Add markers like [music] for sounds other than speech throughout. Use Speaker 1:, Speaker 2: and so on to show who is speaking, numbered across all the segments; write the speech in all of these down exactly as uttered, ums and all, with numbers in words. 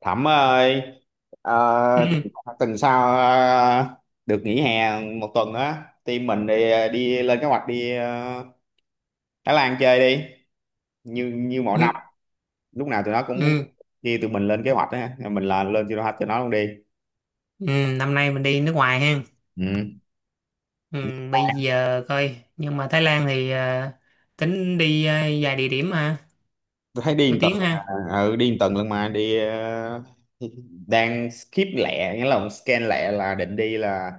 Speaker 1: Thẩm ơi, ờ,
Speaker 2: Ừ,
Speaker 1: tuần sau ờ, được nghỉ hè một tuần á, team mình đi đi lên kế hoạch đi ờ, Thái Lan chơi đi, như như mọi
Speaker 2: ừ,
Speaker 1: năm, lúc nào tụi nó cũng
Speaker 2: ừ,
Speaker 1: đi tụi mình lên kế hoạch á, mình là lên cho nó cho nó luôn đi.
Speaker 2: ừ. Năm nay mình đi nước ngoài ha.
Speaker 1: Ừ.
Speaker 2: Ừ, bây giờ coi nhưng mà Thái Lan thì ờ, tính đi ờ, vài địa điểm ha
Speaker 1: Tôi thấy đi một
Speaker 2: nổi
Speaker 1: tuần,
Speaker 2: tiếng ha.
Speaker 1: à, ừ, đi một tuần luôn mà đi ờ, đang skip lẹ, nghĩa là scan lẹ là định đi là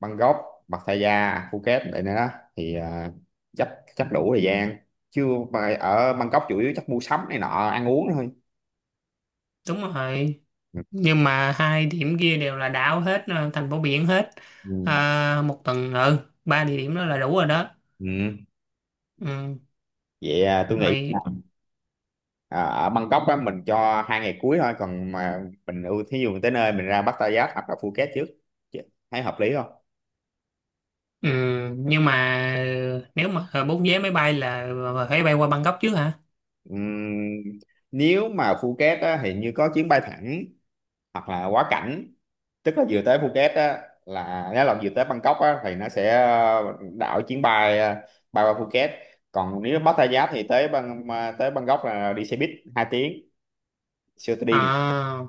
Speaker 1: Bangkok, Pattaya, Phuket vậy nữa đó thì ờ, chắc chắc đủ thời gian chứ mà ở Bangkok chủ yếu chắc mua sắm này nọ ăn uống thôi
Speaker 2: Đúng rồi,
Speaker 1: ừ.
Speaker 2: nhưng mà hai điểm kia đều là đảo hết, ờ, thành phố biển hết.
Speaker 1: Ừ.
Speaker 2: Ờ, một tuần, ừ ba địa điểm đó là đủ rồi đó.
Speaker 1: Ừ.
Speaker 2: Ừ,
Speaker 1: Vậy à, tôi nghĩ là,
Speaker 2: rồi.
Speaker 1: à, ở Bangkok á, mình cho hai ngày cuối thôi còn mà mình ưu thí dụ mình tới nơi mình ra Pattaya hoặc là Phuket trước. Chứ thấy hợp lý không?
Speaker 2: Ừ, nhưng mà ờ, nếu mà ờ, bút vé máy bay là ờ, phải bay qua Bangkok trước hả?
Speaker 1: Ừm, nếu mà Phuket á, thì như có chuyến bay thẳng hoặc là quá cảnh tức là vừa tới Phuket á là nếu là vừa tới Bangkok á thì nó sẽ ờ, đảo chuyến bay ờ, bay qua Phuket còn nếu Pattaya thì tới bang mà tới Bangkok là đi xe buýt hai tiếng siêu tôi đi
Speaker 2: À,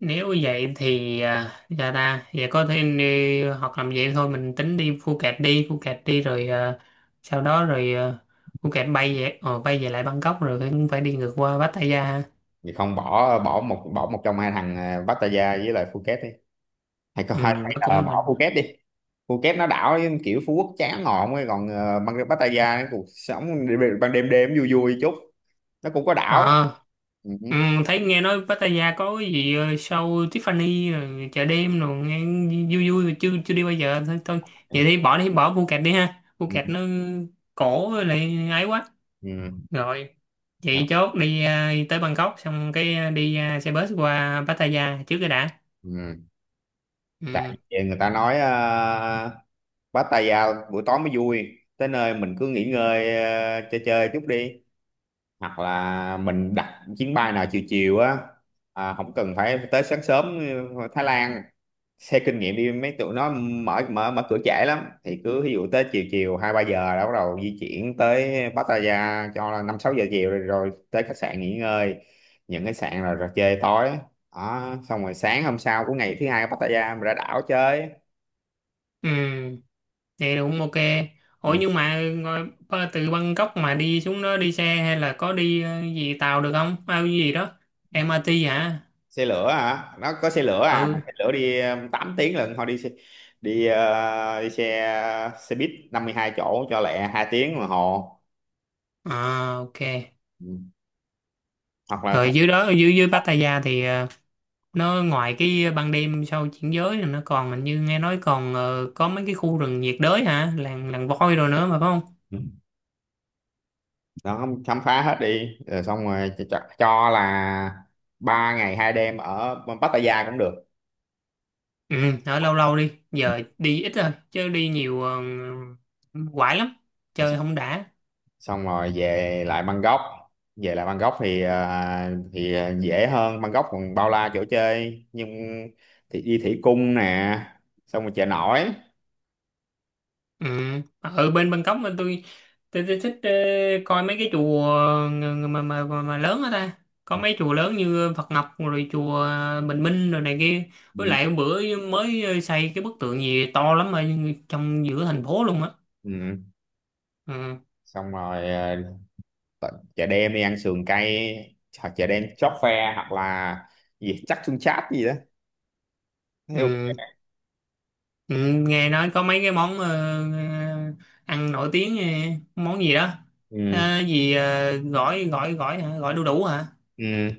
Speaker 2: nếu vậy thì à, dạ ta vậy có thể đi hoặc làm vậy thôi, mình tính đi Phuket, đi Phuket đi rồi. À, sau đó rồi, à, Phuket bay về ờ, bay về lại Bangkok rồi cũng phải đi ngược qua Pattaya ha.
Speaker 1: thì không bỏ bỏ một bỏ một trong hai thằng ờ, Pattaya với lại Phuket đi hay có
Speaker 2: Ừ,
Speaker 1: hay
Speaker 2: nó
Speaker 1: hay là
Speaker 2: cũng là
Speaker 1: bỏ Phuket đi. Phuket nó đảo kiểu Phú Quốc chán ngọn ấy còn ờ, bang Pattaya cuộc sống đêm- ban đêm đêm vui vui chút nó cũng có đảo
Speaker 2: à,
Speaker 1: ừ.
Speaker 2: ừ, thấy nghe nói Pattaya có cái gì ờ, show Tiffany rồi chợ đêm rồi nghe vui vui, mà chưa chưa đi bao giờ thôi thôi. Vậy thì bỏ đi bỏ Phuket đi ha, Phuket nó cổ với lại ấy quá.
Speaker 1: Ừ.
Speaker 2: Rồi,
Speaker 1: Ừ.
Speaker 2: chị chốt đi, à, đi tới Bangkok xong cái à, đi à, xe bus qua Pattaya trước cái đã.
Speaker 1: Ừ. Tại
Speaker 2: Ừ,
Speaker 1: vì người ta nói uh, bắt tay vào buổi tối mới vui tới nơi mình cứ nghỉ ngơi ờ, chơi chơi chút đi hoặc là mình đặt chuyến bay nào chiều chiều á à, không cần phải tới sáng sớm ờ, Thái Lan xe kinh nghiệm đi mấy tụi nó mở mở mở cửa trễ lắm thì cứ ví dụ tới chiều chiều hai ba giờ đã bắt đầu di chuyển tới Pattaya cho là năm sáu giờ chiều rồi, rồi tới khách sạn nghỉ ngơi những cái sạn là rồi chơi tối đó xong rồi sáng hôm sau của ngày thứ hai ở Pattaya mình ra đảo chơi
Speaker 2: ừ, vậy cũng ok.
Speaker 1: ừ.
Speaker 2: Ủa nhưng mà ngồi- ba- từ Bangkok mà đi xuống đó, đi xe hay là có đi à, gì tàu được không? Bao cái gì đó? em a tê hả?
Speaker 1: Xe lửa hả? Nó có xe lửa à mà
Speaker 2: Ừ,
Speaker 1: xe lửa đi um, tám tiếng lận thôi đi xe, đi, ờ, đi xe xe buýt năm mươi hai chỗ cho lẹ hai tiếng đồng hồ
Speaker 2: à, ok.
Speaker 1: ừ. Hoặc
Speaker 2: Rồi dưới đó, dưới dưới Pattaya thì à, nó ngoài cái ban đêm sau chuyển giới là nó còn hình như nghe nói còn ờ, có mấy cái khu rừng nhiệt đới hả? Làng làng voi rồi nữa mà phải không?
Speaker 1: là nó không khám phá hết đi rồi xong rồi cho, cho cho là ba ngày hai đêm ở Pattaya cũng được.
Speaker 2: Ừ, ở lâu lâu đi,
Speaker 1: Ừ.
Speaker 2: giờ đi ít thôi, chứ đi nhiều ờ, quải lắm,
Speaker 1: Rồi
Speaker 2: chơi
Speaker 1: xong
Speaker 2: không đã.
Speaker 1: xong rồi về lại Bangkok về lại Bangkok thì à, thì à, dễ hơn Bangkok còn bao la chỗ chơi nhưng thì đi thủy cung nè xong rồi chợ nổi
Speaker 2: Ừ, ở bên Bangkok mà tôi tôi, tôi thích ờ, coi mấy cái chùa ờ, ng- mà, mà mà mà lớn ở ta. Có mấy chùa lớn như Phật Ngọc rồi chùa ờ, Bình Minh rồi này kia. Với
Speaker 1: ừ.
Speaker 2: lại hôm bữa mới ờ, xây cái bức tượng gì to lắm ở trong giữa thành phố luôn á.
Speaker 1: Ừ.
Speaker 2: Ừ.
Speaker 1: Xong rồi à, t- chợ đêm đi ăn sườn cay hoặc chợ đêm chóp phe hoặc là gì chắc xương chát gì đó. Theo-
Speaker 2: Ừ. Ừ, nghe nói có mấy cái món ờ, ờ, ăn nổi tiếng, ờ, món gì đó,
Speaker 1: ừ.
Speaker 2: à, gì ờ, gỏi gỏi gỏi hả, gỏi đu đủ hả,
Speaker 1: Ừ.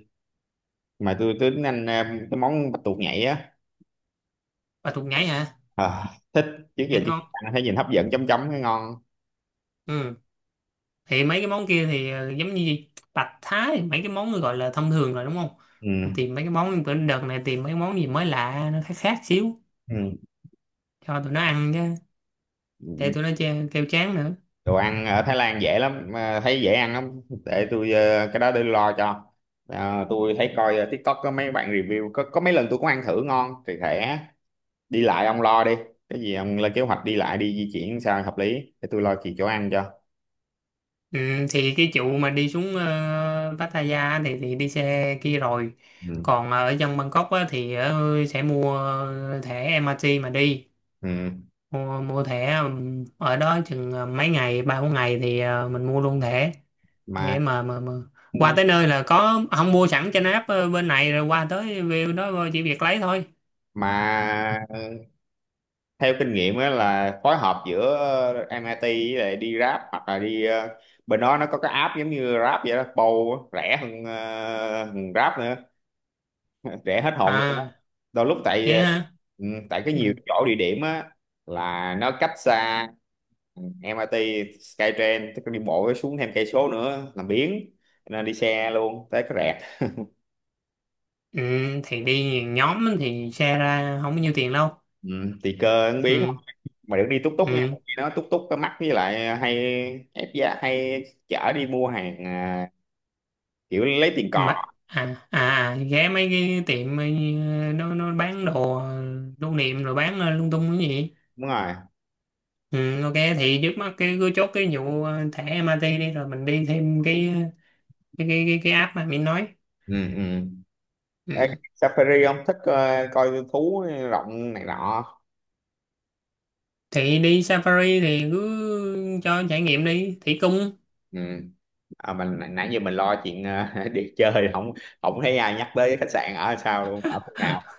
Speaker 1: Mà tôi tôi tính ăn ờ, cái món bạch tuộc nhảy á
Speaker 2: và thuộc nhảy hả?
Speaker 1: à, thích trước giờ
Speaker 2: Nghe
Speaker 1: chưa
Speaker 2: ngon.
Speaker 1: ăn thấy nhìn hấp dẫn chấm chấm cái ngon
Speaker 2: Ừ. Thì mấy cái món kia thì ờ, giống như gì? Bạch thái mấy cái món gọi là thông thường rồi đúng không?
Speaker 1: ừ.
Speaker 2: Tìm mấy cái món, bữa đợt này tìm mấy cái món gì mới lạ, nó khác khác xíu
Speaker 1: Ừ.
Speaker 2: cho tụi nó ăn chứ, để tụi nó che- kêu chán nữa.
Speaker 1: Đồ ăn ở Thái Lan dễ lắm mà thấy dễ ăn lắm để tôi ờ, cái đó để lo cho. Ờ, tôi thấy coi ờ, TikTok có mấy bạn review có có mấy lần tôi cũng ăn thử ngon thì thể đi lại ông lo đi cái gì ông lên kế hoạch đi lại đi di chuyển sao hợp lý để tôi lo chuyện chỗ ăn cho
Speaker 2: Ừ, thì cái vụ mà đi xuống ờ, Pattaya thì thì đi xe kia rồi.
Speaker 1: ừ.
Speaker 2: Còn ờ, ở dân Bangkok á, thì ờ, sẽ mua thẻ em a tê mà đi.
Speaker 1: Ừ.
Speaker 2: Mua, mua thẻ, ừm, ở đó chừng ờ, mấy ngày, ba bốn ngày thì ờ, mình mua luôn thẻ
Speaker 1: mà
Speaker 2: để mà, mà mà qua tới nơi là có, không mua sẵn trên app ờ, bên này rồi qua tới view đó ờ, chỉ việc lấy thôi.
Speaker 1: mà theo kinh nghiệm á là phối hợp giữa ờ, em i tê với lại đi Grab hoặc là đi ờ, bên đó nó có cái app giống như Grab vậy đó Bow á, rẻ hơn, ờ, hơn Grab nữa [laughs] rẻ hết hồn luôn á.
Speaker 2: À
Speaker 1: Đôi lúc tại
Speaker 2: vậy
Speaker 1: ờ,
Speaker 2: hả.
Speaker 1: ừ, tại cái nhiều
Speaker 2: Ừ.
Speaker 1: chỗ địa điểm á là nó cách xa em i tê Skytrain tức là đi bộ xuống thêm cây số nữa làm biếng nên đi xe luôn tới cái rẹt
Speaker 2: Ừ, thì đi nhiều nhóm thì xe ra không có nhiêu tiền đâu.
Speaker 1: ừ, tùy cơ ăn biếng
Speaker 2: Ừ.
Speaker 1: mà được đi túc túc nha
Speaker 2: Ừ.
Speaker 1: nó túc túc cái mắc với lại hay ép giá hay chở đi mua hàng à, kiểu lấy tiền cò
Speaker 2: Mà à à à, ghé mấy cái tiệm ờ, nó nó bán đồ lưu niệm rồi bán ờ, lung tung cái gì.
Speaker 1: đúng rồi
Speaker 2: Ừ, ok, thì trước mắt cái cứ chốt cái vụ ờ, thẻ em rờ tê đi rồi mình đi thêm cái ờ, cái cái cái, cái app mà mình nói.
Speaker 1: ừ ừ Ê,
Speaker 2: Ừ.
Speaker 1: Safari ông thích ờ, coi thú rộng này nọ
Speaker 2: Thì đi Safari thì cứ cho trải nghiệm đi thủy cung.
Speaker 1: ừ à, mình nãy nãy giờ mình lo chuyện ờ, [laughs] đi chơi không không thấy ai nhắc tới khách sạn ở sao luôn ở phút nào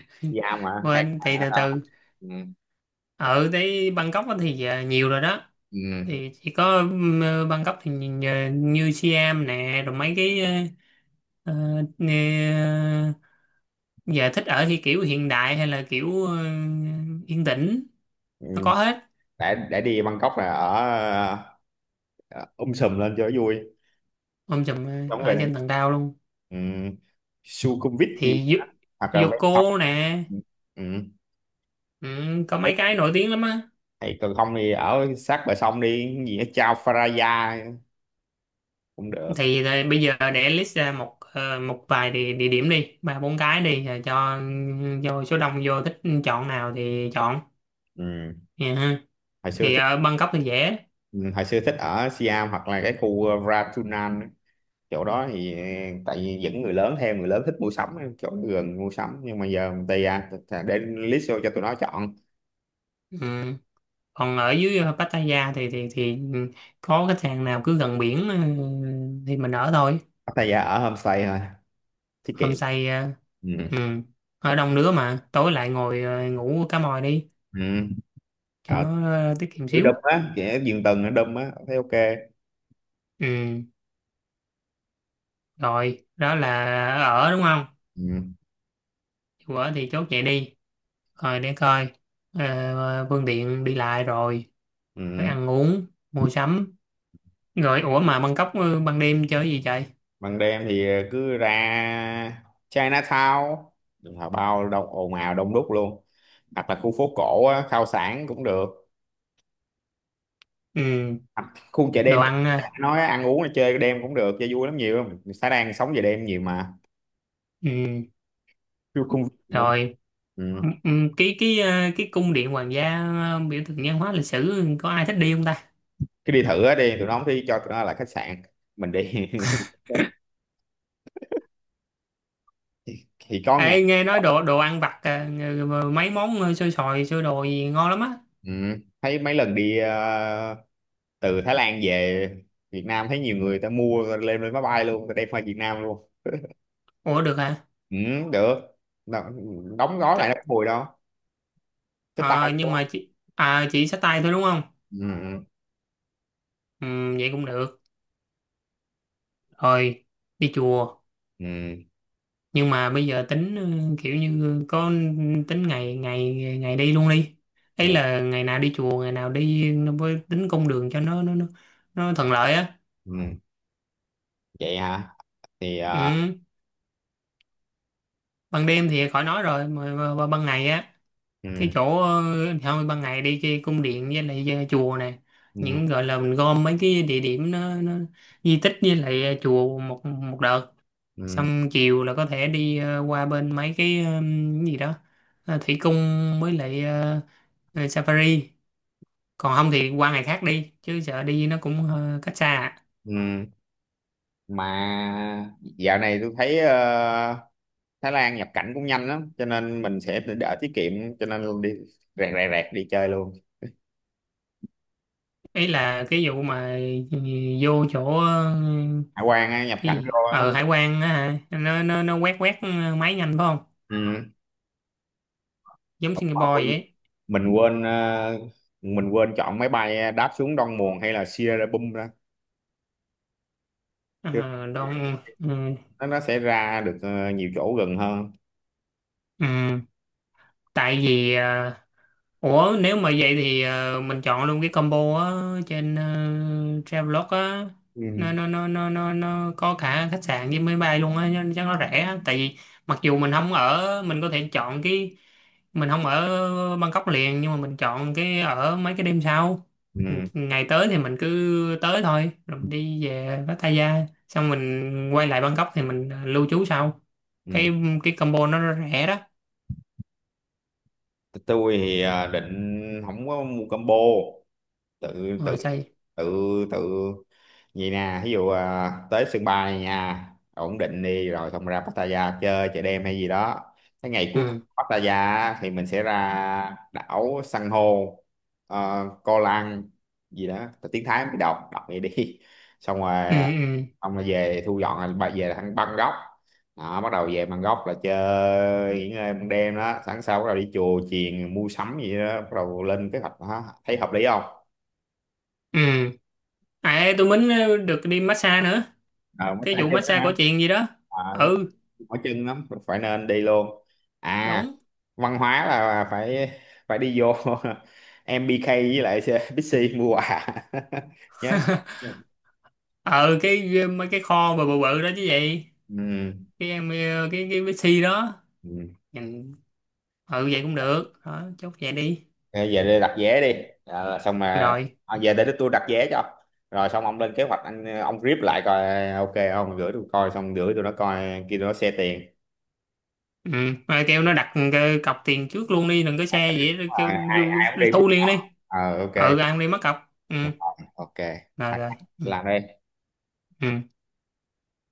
Speaker 2: [laughs]
Speaker 1: Siam mà hay
Speaker 2: Quên
Speaker 1: là
Speaker 2: thì
Speaker 1: ở
Speaker 2: từ
Speaker 1: đâu?
Speaker 2: từ.
Speaker 1: Ừ.
Speaker 2: Ở tới Bangkok á thì ờ, nhiều rồi đó.
Speaker 1: Ừ.
Speaker 2: Thì chỉ có ừm, ờ, Bangkok thì nhìn ờ, như Siam nè rồi mấy cái ờ, ờ, giờ thích ở thì kiểu hiện đại hay là kiểu ờ, yên tĩnh,
Speaker 1: Ừ.
Speaker 2: nó có hết.
Speaker 1: để để đi Bangkok là ở ờ, um sùm lên cho vui
Speaker 2: Ông chùm
Speaker 1: đúng
Speaker 2: ờ,
Speaker 1: rồi
Speaker 2: ở trên tầng cao luôn,
Speaker 1: ừ, Sukhumvit
Speaker 2: thì
Speaker 1: gì đó.
Speaker 2: Yu-
Speaker 1: Hoặc là ven sông
Speaker 2: Yoko nè.
Speaker 1: ừ. Ừ.
Speaker 2: Ừ, có
Speaker 1: Thấy
Speaker 2: mấy cái nổi tiếng lắm á.
Speaker 1: thì còn không thì ở sát bờ sông đi cái gì ở Chao Phraya cũng được
Speaker 2: Thì ờ, bây giờ để list ra một ờ, một vài địa, địa điểm đi, ba bốn cái đi rồi cho cho số đông vô thích chọn nào thì chọn.
Speaker 1: ừ.
Speaker 2: Dạ ha.
Speaker 1: Hồi xưa
Speaker 2: Thì
Speaker 1: thích
Speaker 2: ở Bangkok thì dễ.
Speaker 1: ừ, hồi xưa thích ở Siam hoặc là cái khu ờ, Ratunan á. Chỗ đó thì ờ, tại vì dẫn người lớn theo người lớn thích mua sắm chỗ gần mua sắm nhưng mà giờ Pattaya để list vô cho tụi nó chọn.
Speaker 2: Ừ. Còn ở dưới ờ, Pattaya thì thì thì ừ, có khách sạn nào cứ gần biển ờ, thì mình ở thôi.
Speaker 1: Pattaya ở homestay thôi tiết
Speaker 2: Hôm
Speaker 1: kiệm
Speaker 2: say ờ, ừ,
Speaker 1: ừ.
Speaker 2: ở đông đứa mà tối lại ngồi ờ, ngủ cá mòi đi,
Speaker 1: Ừ.
Speaker 2: cho
Speaker 1: ở
Speaker 2: nó ờ, tiết kiệm
Speaker 1: ở
Speaker 2: xíu.
Speaker 1: Đâm á kẻ giường tầng ở Đâm á thấy ok
Speaker 2: Ừ, rồi đó là ở đúng không?
Speaker 1: ừ.
Speaker 2: Dù ở thì chốt vậy đi, rồi để coi ờ, phương tiện đi lại, rồi rồi
Speaker 1: Ừ.
Speaker 2: ăn uống, mua sắm. Rồi ủa, mà Bangkok ờ, ban đêm chơi gì vậy?
Speaker 1: Ban đêm thì ờ, cứ ra Chinatown là bao đông ồn ào đông đúc luôn hoặc là khu phố cổ á, khao sản cũng được.
Speaker 2: Ừ,
Speaker 1: Hoặc khu chợ
Speaker 2: đồ
Speaker 1: đêm
Speaker 2: ăn à.
Speaker 1: nói ăn uống là chơi đêm cũng được chơi vui lắm nhiều lắm xã đang sống về đêm nhiều mà.
Speaker 2: Ừ,
Speaker 1: Chứ không luôn
Speaker 2: rồi.
Speaker 1: ừ.
Speaker 2: Ừ, ừ, cái cái ờ, cái cung điện hoàng gia ờ, biểu tượng văn hóa lịch sử, có ai thích đi không ta?
Speaker 1: Cứ đi thử á đi tụi nó không thì cho tụi nó là khách sạn mình đi [laughs] thì, thì có ngày
Speaker 2: Ê, nghe nói đồ đồ ăn vặt à, ng- mấy món ờ, xôi xoài, xôi đồ gì ngon lắm á.
Speaker 1: ừ. Thấy mấy lần đi ờ, từ Thái Lan về Việt Nam thấy nhiều người ta mua lên lên máy bay luôn ta đem qua Việt Nam luôn
Speaker 2: Ủa được hả?
Speaker 1: ừ, được. Nó- đóng gói
Speaker 2: Thế-
Speaker 1: lại nó có mùi đâu cái tay
Speaker 2: à,
Speaker 1: của
Speaker 2: nhưng
Speaker 1: nó.
Speaker 2: mà chị à, chị xách tay thôi đúng không?
Speaker 1: Ừ,
Speaker 2: Ừ, vậy cũng được. Rồi. Đi chùa.
Speaker 1: ừ,
Speaker 2: Nhưng mà bây giờ tính ừ, kiểu như ờ, có tính ngày ngày, ngày đi luôn đi,
Speaker 1: ừ,
Speaker 2: ấy
Speaker 1: nghĩ-
Speaker 2: là ngày nào đi chùa, ngày nào đi nó, với tính cung đường cho nó nó nó, nó thuận lợi á.
Speaker 1: ừ, vậy hả thì ờ,
Speaker 2: Ừ. Ban đêm thì khỏi nói rồi, mà, mà, mà ban ngày á
Speaker 1: ừ,
Speaker 2: cái chỗ ờ, thôi ban ngày đi cái cung điện với lại ờ, chùa nè,
Speaker 1: ừ,
Speaker 2: những gọi là mình gom mấy cái địa điểm nó, nó di tích với lại ờ, chùa một một đợt.
Speaker 1: ừ,
Speaker 2: Xong chiều là có thể đi ờ, qua bên mấy cái ờ, cái gì đó, ờ, thủy cung, với lại ờ, ờ, safari. Còn không thì qua ngày khác đi chứ sợ đi nó cũng ờ, cách xa à.
Speaker 1: ừ. Mà dạo này tôi thấy ờ, Thái Lan nhập cảnh cũng nhanh lắm cho nên mình sẽ đỡ tiết kiệm cho nên đi rẹt rẹt rẹt đi chơi luôn
Speaker 2: Ý là cái vụ mà ờ, vô chỗ ờ,
Speaker 1: hải quan á, nhập
Speaker 2: cái
Speaker 1: cảnh
Speaker 2: gì
Speaker 1: vô á
Speaker 2: ở hải quan á hả, nó nó nó quét quét ờ, máy nhanh phải không?
Speaker 1: ừ.
Speaker 2: Giống Singapore vậy.
Speaker 1: Mình quên ờ, mình quên chọn máy bay đáp xuống Đông Muồn hay là Sierra Bum ra
Speaker 2: Ờ, Đông ừ.
Speaker 1: nó nó sẽ ra được ờ, nhiều chỗ gần hơn
Speaker 2: Ừ. Tại vì ờ, ủa nếu mà vậy thì ờ, mình chọn luôn cái combo á trên uh, Travelog á,
Speaker 1: ừ.
Speaker 2: nó nó nó nó nó nó có cả khách sạn với máy bay luôn á, chắc nó rẻ á. Tại vì mặc dù mình không ở, mình có thể chọn cái, mình không ở Bangkok liền nhưng mà mình chọn cái ở mấy cái đêm sau.
Speaker 1: Ừ.
Speaker 2: Ngày tới thì mình cứ tới thôi rồi mình đi về Pattaya, xong mình quay lại Bangkok thì mình ờ, lưu trú sau.
Speaker 1: Ừ.
Speaker 2: cái cái combo nó rẻ đó.
Speaker 1: Tôi thì ờ, định không có mua combo tự tự
Speaker 2: Rồi sao vậy?
Speaker 1: tự tự vậy nè ví dụ à, tới sân bay này nha ổn định đi rồi xong ra Pattaya chơi chợ đêm hay gì đó cái ngày cuối cùng
Speaker 2: Ừ
Speaker 1: Pattaya á, thì mình sẽ ra đảo san hô ờ, Koh Lang gì đó tiếng Thái mới đọc đọc vậy đi [laughs] xong
Speaker 2: ừ
Speaker 1: rồi
Speaker 2: ừ
Speaker 1: ông là về thu dọn là bà về là thằng Bangkok đó, bắt đầu về Bangkok là chơi nghỉ ngơi ban đêm đó sáng sau bắt đầu đi chùa chiền mua sắm gì đó bắt đầu lên kế hoạch đó. Thấy hợp lý không?
Speaker 2: ừ. À, tôi mới được đi massage nữa.
Speaker 1: Ờ mới
Speaker 2: Cái
Speaker 1: tay
Speaker 2: vụ
Speaker 1: chân đó
Speaker 2: massage
Speaker 1: hả
Speaker 2: cổ truyền gì đó.
Speaker 1: ờ đúng
Speaker 2: Ừ,
Speaker 1: rồi mỏi chân lắm phải nên đi luôn à
Speaker 2: đúng.
Speaker 1: văn hóa là phải phải đi vô [laughs] Em MBK với lại [laughs] Bixi mua quà [laughs] nhớ
Speaker 2: Ờ, cái mấy cái kho bự bự bự đó chứ gì.
Speaker 1: ừ.
Speaker 2: Cái em, cái cái cái si đó.
Speaker 1: Ừ.
Speaker 2: Nhìn, ừ vậy cũng được. Đó, chốt vậy đi.
Speaker 1: Thôi về đây đặt vé đi. Ờ, xong mà
Speaker 2: Rồi.
Speaker 1: à, về để tôi đặt vé cho rồi xong ông lên kế hoạch anh ông rip lại coi ok không gửi tôi coi xong gửi tụi nó coi kia tụi nó xe tiền
Speaker 2: Ừ, mà kêu nó đặt cái cọc tiền trước luôn đi, đừng có xe gì hết,
Speaker 1: à,
Speaker 2: kêu
Speaker 1: ai ai cũng đi mất
Speaker 2: thu liền
Speaker 1: ông
Speaker 2: đi.
Speaker 1: ờ ok.
Speaker 2: Ừ, ăn đi mất cọc. Ừ,
Speaker 1: Rồi, ok
Speaker 2: rồi rồi. Ừ.
Speaker 1: làm đi
Speaker 2: Ừ.